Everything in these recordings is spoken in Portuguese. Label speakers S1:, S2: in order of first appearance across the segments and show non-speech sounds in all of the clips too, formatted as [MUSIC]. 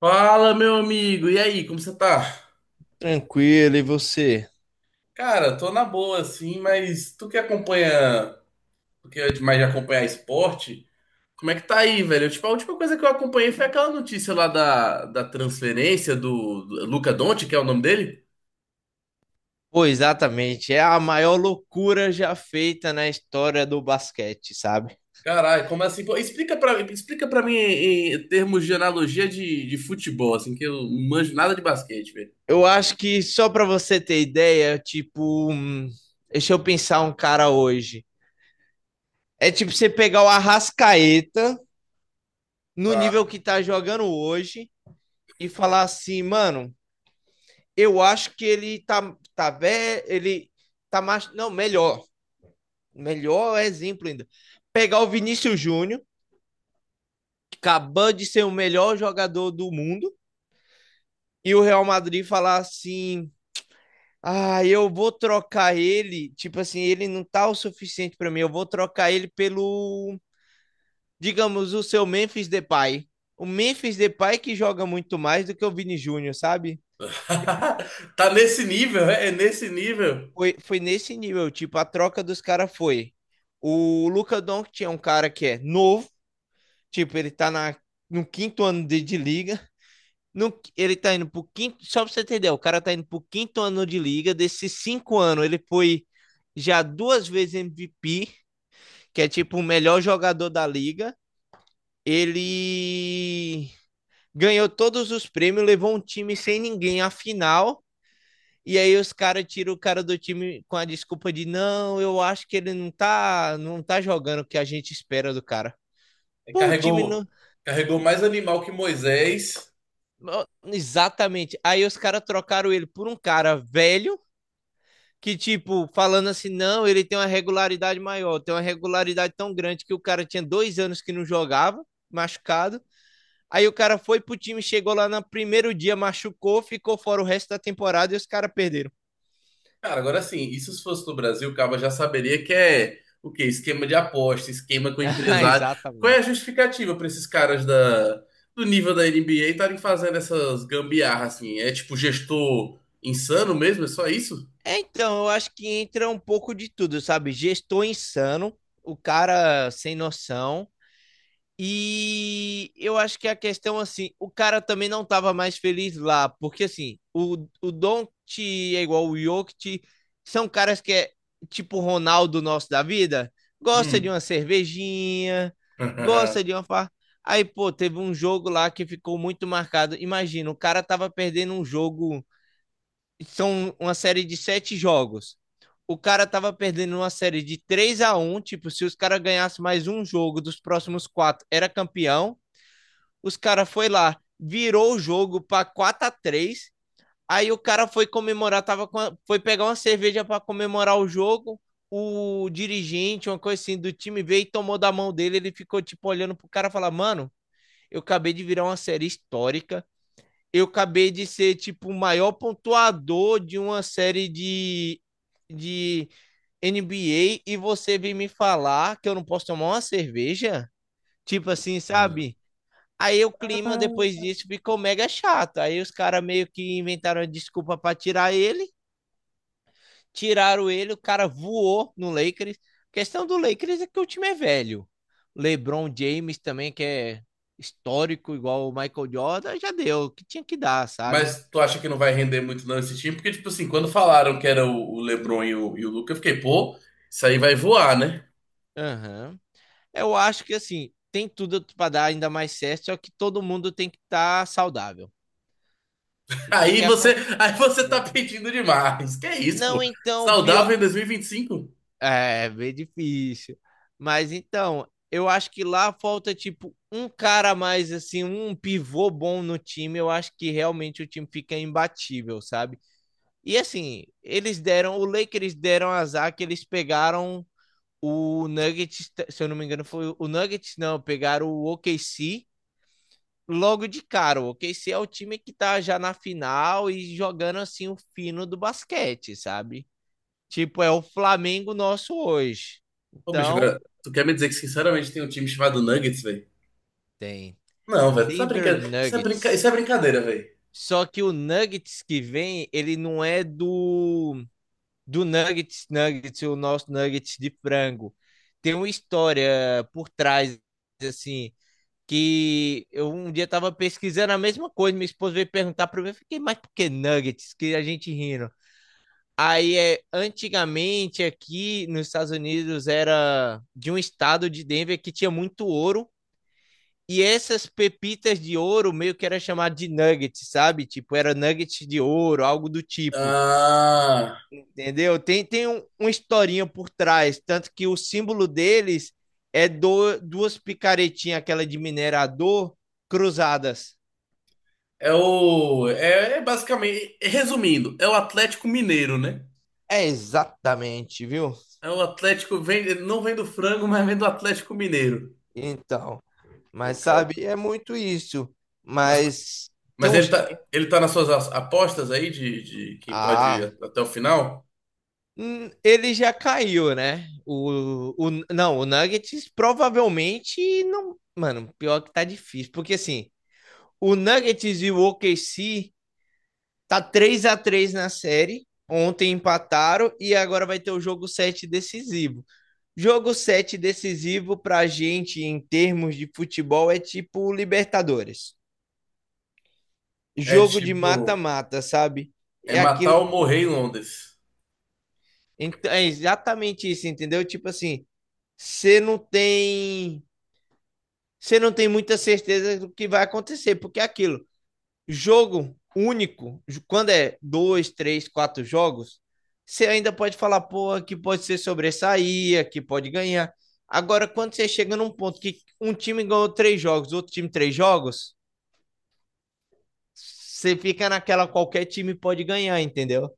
S1: Fala, meu amigo. E aí, como você tá?
S2: Tranquilo, e você?
S1: Cara, tô na boa, assim, mas tu que acompanha, tu que é demais de acompanhar esporte, como é que tá aí, velho? Tipo, a última coisa que eu acompanhei foi aquela notícia lá da transferência do Luka Doncic, que é o nome dele?
S2: Pô, exatamente, é a maior loucura já feita na história do basquete, sabe?
S1: Caralho, como assim? Pô, explica pra mim em termos de analogia de futebol, assim, que eu não manjo nada de basquete, velho.
S2: Eu acho que só pra você ter ideia, tipo, deixa eu pensar um cara hoje. É tipo você pegar o Arrascaeta no
S1: Tá.
S2: nível que tá jogando hoje e falar assim, mano, eu acho que ele tá tá velho, ele tá mais, não, melhor, melhor exemplo ainda. Pegar o Vinícius Júnior, que acabou de ser o melhor jogador do mundo e o Real Madrid falar assim: ah, eu vou trocar ele, tipo assim, ele não tá o suficiente para mim, eu vou trocar ele pelo, digamos, o seu Memphis Depay. O Memphis Depay que joga muito mais do que o Vini Júnior, sabe? Tipo,
S1: [LAUGHS] Tá nesse nível, é nesse nível.
S2: foi nesse nível, tipo, a troca dos caras foi. O Luka Doncic é um cara que é novo, tipo, no quinto ano de liga. No, ele tá indo pro quinto. Só pra você entender, o cara tá indo pro quinto ano de liga. Desses cinco anos, ele foi já duas vezes MVP, que é tipo o melhor jogador da liga. Ele ganhou todos os prêmios, levou um time sem ninguém à final. E aí os caras tiram o cara do time com a desculpa de não, eu acho que ele não tá jogando o que a gente espera do cara. Pô, o time
S1: Carregou,
S2: não.
S1: carregou mais animal que Moisés.
S2: Exatamente. Aí os caras trocaram ele por um cara velho que, tipo, falando assim, não, ele tem uma regularidade maior, tem uma regularidade tão grande que o cara tinha dois anos que não jogava, machucado. Aí o cara foi pro time, chegou lá no primeiro dia, machucou, ficou fora o resto da temporada e os caras perderam.
S1: Cara, agora assim, isso se fosse no Brasil, o Caba já saberia que é o quê? Esquema de aposta, esquema com
S2: [LAUGHS]
S1: empresário. Qual é a
S2: Exatamente.
S1: justificativa para esses caras do nível da NBA estarem fazendo essas gambiarras assim? É tipo gestor insano mesmo? É só isso?
S2: É, então, eu acho que entra um pouco de tudo, sabe? Gestor insano, o cara sem noção. E eu acho que a questão, assim, o cara também não tava mais feliz lá, porque, assim, o Doncic é igual o Jokic, são caras que é tipo o Ronaldo nosso da vida, gosta de
S1: Hum.
S2: uma cervejinha, gosta de uma farra. Aí, pô, teve um jogo lá que ficou muito marcado. Imagina, o cara tava perdendo um jogo, são uma série de 7 jogos. O cara tava perdendo uma série de 3 a um, tipo, se os caras ganhassem mais um jogo dos próximos quatro, era campeão. Os cara foi lá, virou o jogo para 4 a 3. Aí o cara foi comemorar, foi pegar uma cerveja para comemorar o jogo. O dirigente, uma coisa assim, do time veio e tomou da mão dele. Ele ficou, tipo, olhando pro cara e falar: mano, eu acabei de virar uma série histórica, eu acabei de ser tipo o maior pontuador de uma série de NBA e você vem me falar que eu não posso tomar uma cerveja? Tipo assim, sabe?
S1: [LAUGHS]
S2: Aí o clima depois disso ficou mega chato. Aí os caras meio que inventaram uma desculpa para tirar ele, tiraram ele, o cara voou no Lakers. A questão do Lakers é que o time é velho. LeBron James também, que é histórico, igual o Michael Jordan, já deu o que tinha que dar, sabe?
S1: Mas tu acha que não vai render muito não esse time? Porque, tipo assim, quando falaram que era o LeBron e o Luka, eu fiquei, pô, isso aí vai voar, né?
S2: Aham. Eu acho que assim, tem tudo para dar ainda mais certo, só que todo mundo tem que estar saudável. O que que
S1: Aí você tá
S2: acontece?
S1: pedindo demais. Que é isso, pô?
S2: Não, então, o pior
S1: Saudável em
S2: que...
S1: 2025?
S2: é, é bem difícil. Mas então, eu acho que lá falta tipo um cara a mais assim, um pivô bom no time, eu acho que realmente o time fica imbatível, sabe? E assim, eles deram, o Lakers deram azar que eles pegaram o Nuggets, se eu não me engano, foi o Nuggets, não, pegaram o OKC logo de cara. O OKC é o time que tá já na final e jogando assim o fino do basquete, sabe? Tipo, é o Flamengo nosso hoje.
S1: Ô, bicho,
S2: Então,
S1: agora, tu quer me dizer que sinceramente tem um time chamado Nuggets, velho?
S2: tem
S1: Não, velho, tu tá
S2: Denver
S1: brincando. Isso é, brinca... Isso é
S2: Nuggets.
S1: brincadeira, velho.
S2: Só que o Nuggets que vem, ele não é do Nuggets Nuggets, o nosso Nuggets de frango. Tem uma história por trás assim, que eu um dia tava pesquisando a mesma coisa, minha esposa veio perguntar para mim, eu fiquei, mas por que nuggets? Que a gente rindo. Aí é, antigamente aqui nos Estados Unidos era de um estado de Denver que tinha muito ouro e essas pepitas de ouro meio que era chamado de nuggets, sabe? Tipo, era nuggets de ouro, algo do tipo.
S1: Ah,
S2: Entendeu? Tem uma historinha por trás, tanto que o símbolo deles é do, duas picaretinhas, aquela de minerador, cruzadas.
S1: é o. É, é basicamente. Resumindo, é o Atlético Mineiro, né?
S2: É exatamente, viu?
S1: É o Atlético. Vem... ele não vem do frango, mas vem do Atlético Mineiro.
S2: Então,
S1: Pô,
S2: mas
S1: cara.
S2: sabe, é muito isso.
S1: Mas,
S2: Mas tem
S1: mas
S2: uns times.
S1: ele tá nas suas apostas aí de quem pode
S2: Ah,
S1: ir até o final?
S2: ele já caiu, né? O Nuggets provavelmente não. Mano, pior que tá difícil. Porque assim, o Nuggets e o OKC tá 3 a 3 na série. Ontem empataram e agora vai ter o jogo 7 decisivo. Jogo 7 decisivo pra gente em termos de futebol é tipo Libertadores,
S1: É
S2: jogo de
S1: tipo.
S2: mata-mata, sabe?
S1: É
S2: É
S1: matar
S2: aquilo,
S1: ou morrer em Londres.
S2: é exatamente isso, entendeu? Tipo assim, você não tem, você não tem muita certeza do que vai acontecer, porque é aquilo, jogo único, quando é dois, três, quatro jogos, você ainda pode falar, pô, aqui pode ser sobressair, aqui pode ganhar. Agora, quando você chega num ponto que um time ganhou três jogos, outro time três jogos, você fica naquela qualquer time pode ganhar, entendeu?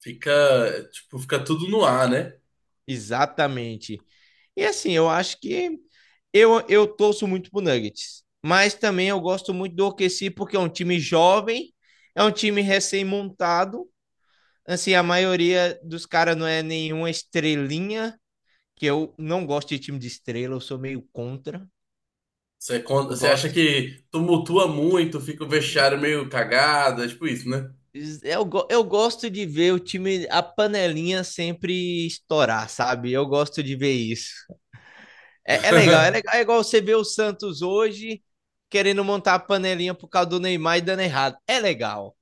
S1: Fica, tipo, fica tudo no ar, né?
S2: Exatamente. E assim, eu acho que eu torço muito pro Nuggets, mas também eu gosto muito do OKC porque é um time jovem, é um time recém-montado, assim, a maioria dos caras não é nenhuma estrelinha, que eu não gosto de time de estrela, eu sou meio contra.
S1: Você,
S2: Eu
S1: você acha
S2: gosto.
S1: que tumultua muito, fica o
S2: Não,
S1: vestiário meio cagado, é tipo isso, né?
S2: eu gosto de ver o time, a panelinha sempre estourar, sabe? Eu gosto de ver isso. É, é legal, é legal. É igual você ver o Santos hoje querendo montar a panelinha por causa do Neymar e dando errado. É legal,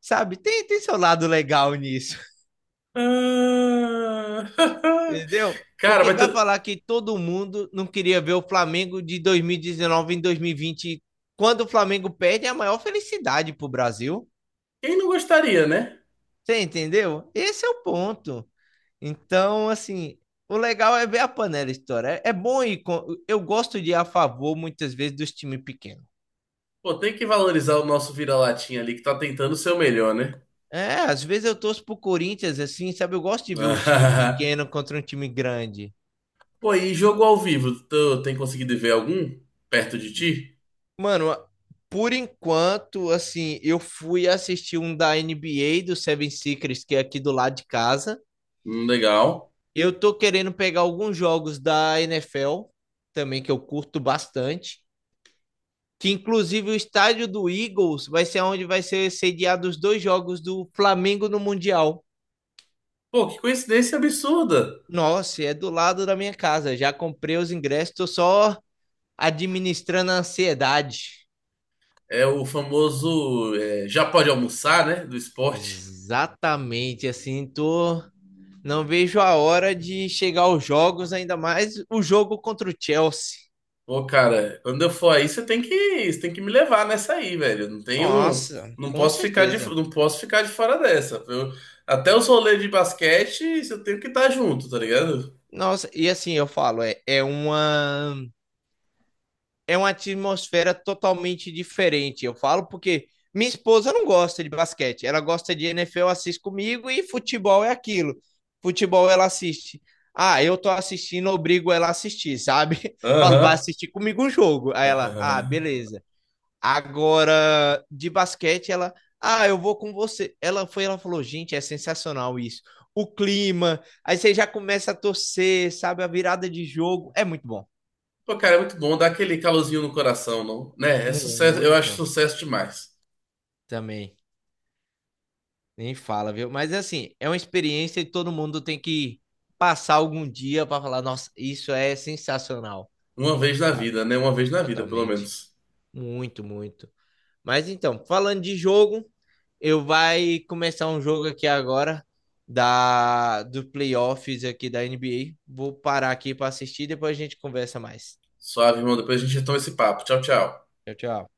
S2: sabe? Tem, tem seu lado legal nisso,
S1: Ah.
S2: [LAUGHS] entendeu?
S1: [LAUGHS] Cara,
S2: Porque vai falar que todo mundo não queria ver o Flamengo de 2019 em 2020. Quando o Flamengo perde, é a maior felicidade pro Brasil.
S1: quem não gostaria, né?
S2: Você entendeu? Esse é o ponto. Então, assim, o legal é ver a panela história. É, é bom ir. Eu gosto de ir a favor, muitas vezes, dos times pequenos.
S1: Pô, tem que valorizar o nosso vira-latinha ali que tá tentando ser o melhor, né?
S2: É, às vezes eu torço pro Corinthians, assim, sabe? Eu gosto de ver o time
S1: [LAUGHS]
S2: pequeno contra um time grande.
S1: Pô, e jogo ao vivo, tu tem conseguido ver algum perto de ti?
S2: Mano, a- por enquanto, assim, eu fui assistir um da NBA do Seven Secrets, que é aqui do lado de casa.
S1: Legal.
S2: Eu tô querendo pegar alguns jogos da NFL, também que eu curto bastante. Que inclusive o estádio do Eagles vai ser onde vai ser sediado os dois jogos do Flamengo no Mundial.
S1: Pô, que coincidência absurda.
S2: Nossa, é do lado da minha casa. Já comprei os ingressos, tô só administrando a ansiedade.
S1: É o famoso é, já pode almoçar, né? Do esporte.
S2: Exatamente, assim, tô. Não vejo a hora de chegar aos jogos, ainda mais o jogo contra o Chelsea.
S1: Pô, cara, quando eu for aí, você tem que me levar nessa aí, velho. Eu não tenho,
S2: Nossa,
S1: não
S2: com
S1: posso ficar de,
S2: certeza.
S1: não posso ficar de fora dessa. Até os rolês de basquete, eu tenho que estar junto, tá ligado?
S2: Nossa, e assim eu falo, é, é uma atmosfera totalmente diferente. Eu falo porque minha esposa não gosta de basquete, ela gosta de NFL, assiste comigo e futebol é aquilo. Futebol ela assiste. Ah, eu tô assistindo, obrigo ela a assistir, sabe? [LAUGHS] Falo, vai
S1: Aham.
S2: assistir comigo um jogo.
S1: [LAUGHS]
S2: Aí ela, ah,
S1: Aham.
S2: beleza. Agora, de basquete, ela, ah, eu vou com você. Ela foi, ela falou, gente, é sensacional isso. O clima, aí você já começa a torcer, sabe? A virada de jogo. É muito bom.
S1: Pô, cara, é muito bom dar aquele calorzinho no coração, não? Né? É sucesso, eu acho
S2: Muito
S1: sucesso demais.
S2: também. Nem fala, viu? Mas assim, é uma experiência e todo mundo tem que passar algum dia para falar, nossa, isso é sensacional.
S1: Uma vez na
S2: Tá,
S1: vida, né? Uma vez na vida, pelo
S2: totalmente.
S1: menos.
S2: Muito, muito. Mas então, falando de jogo, eu vai começar um jogo aqui agora da do playoffs aqui da NBA. Vou parar aqui para assistir, depois a gente conversa mais.
S1: Suave, irmão. Depois a gente retoma esse papo. Tchau, tchau.
S2: Tchau, tchau.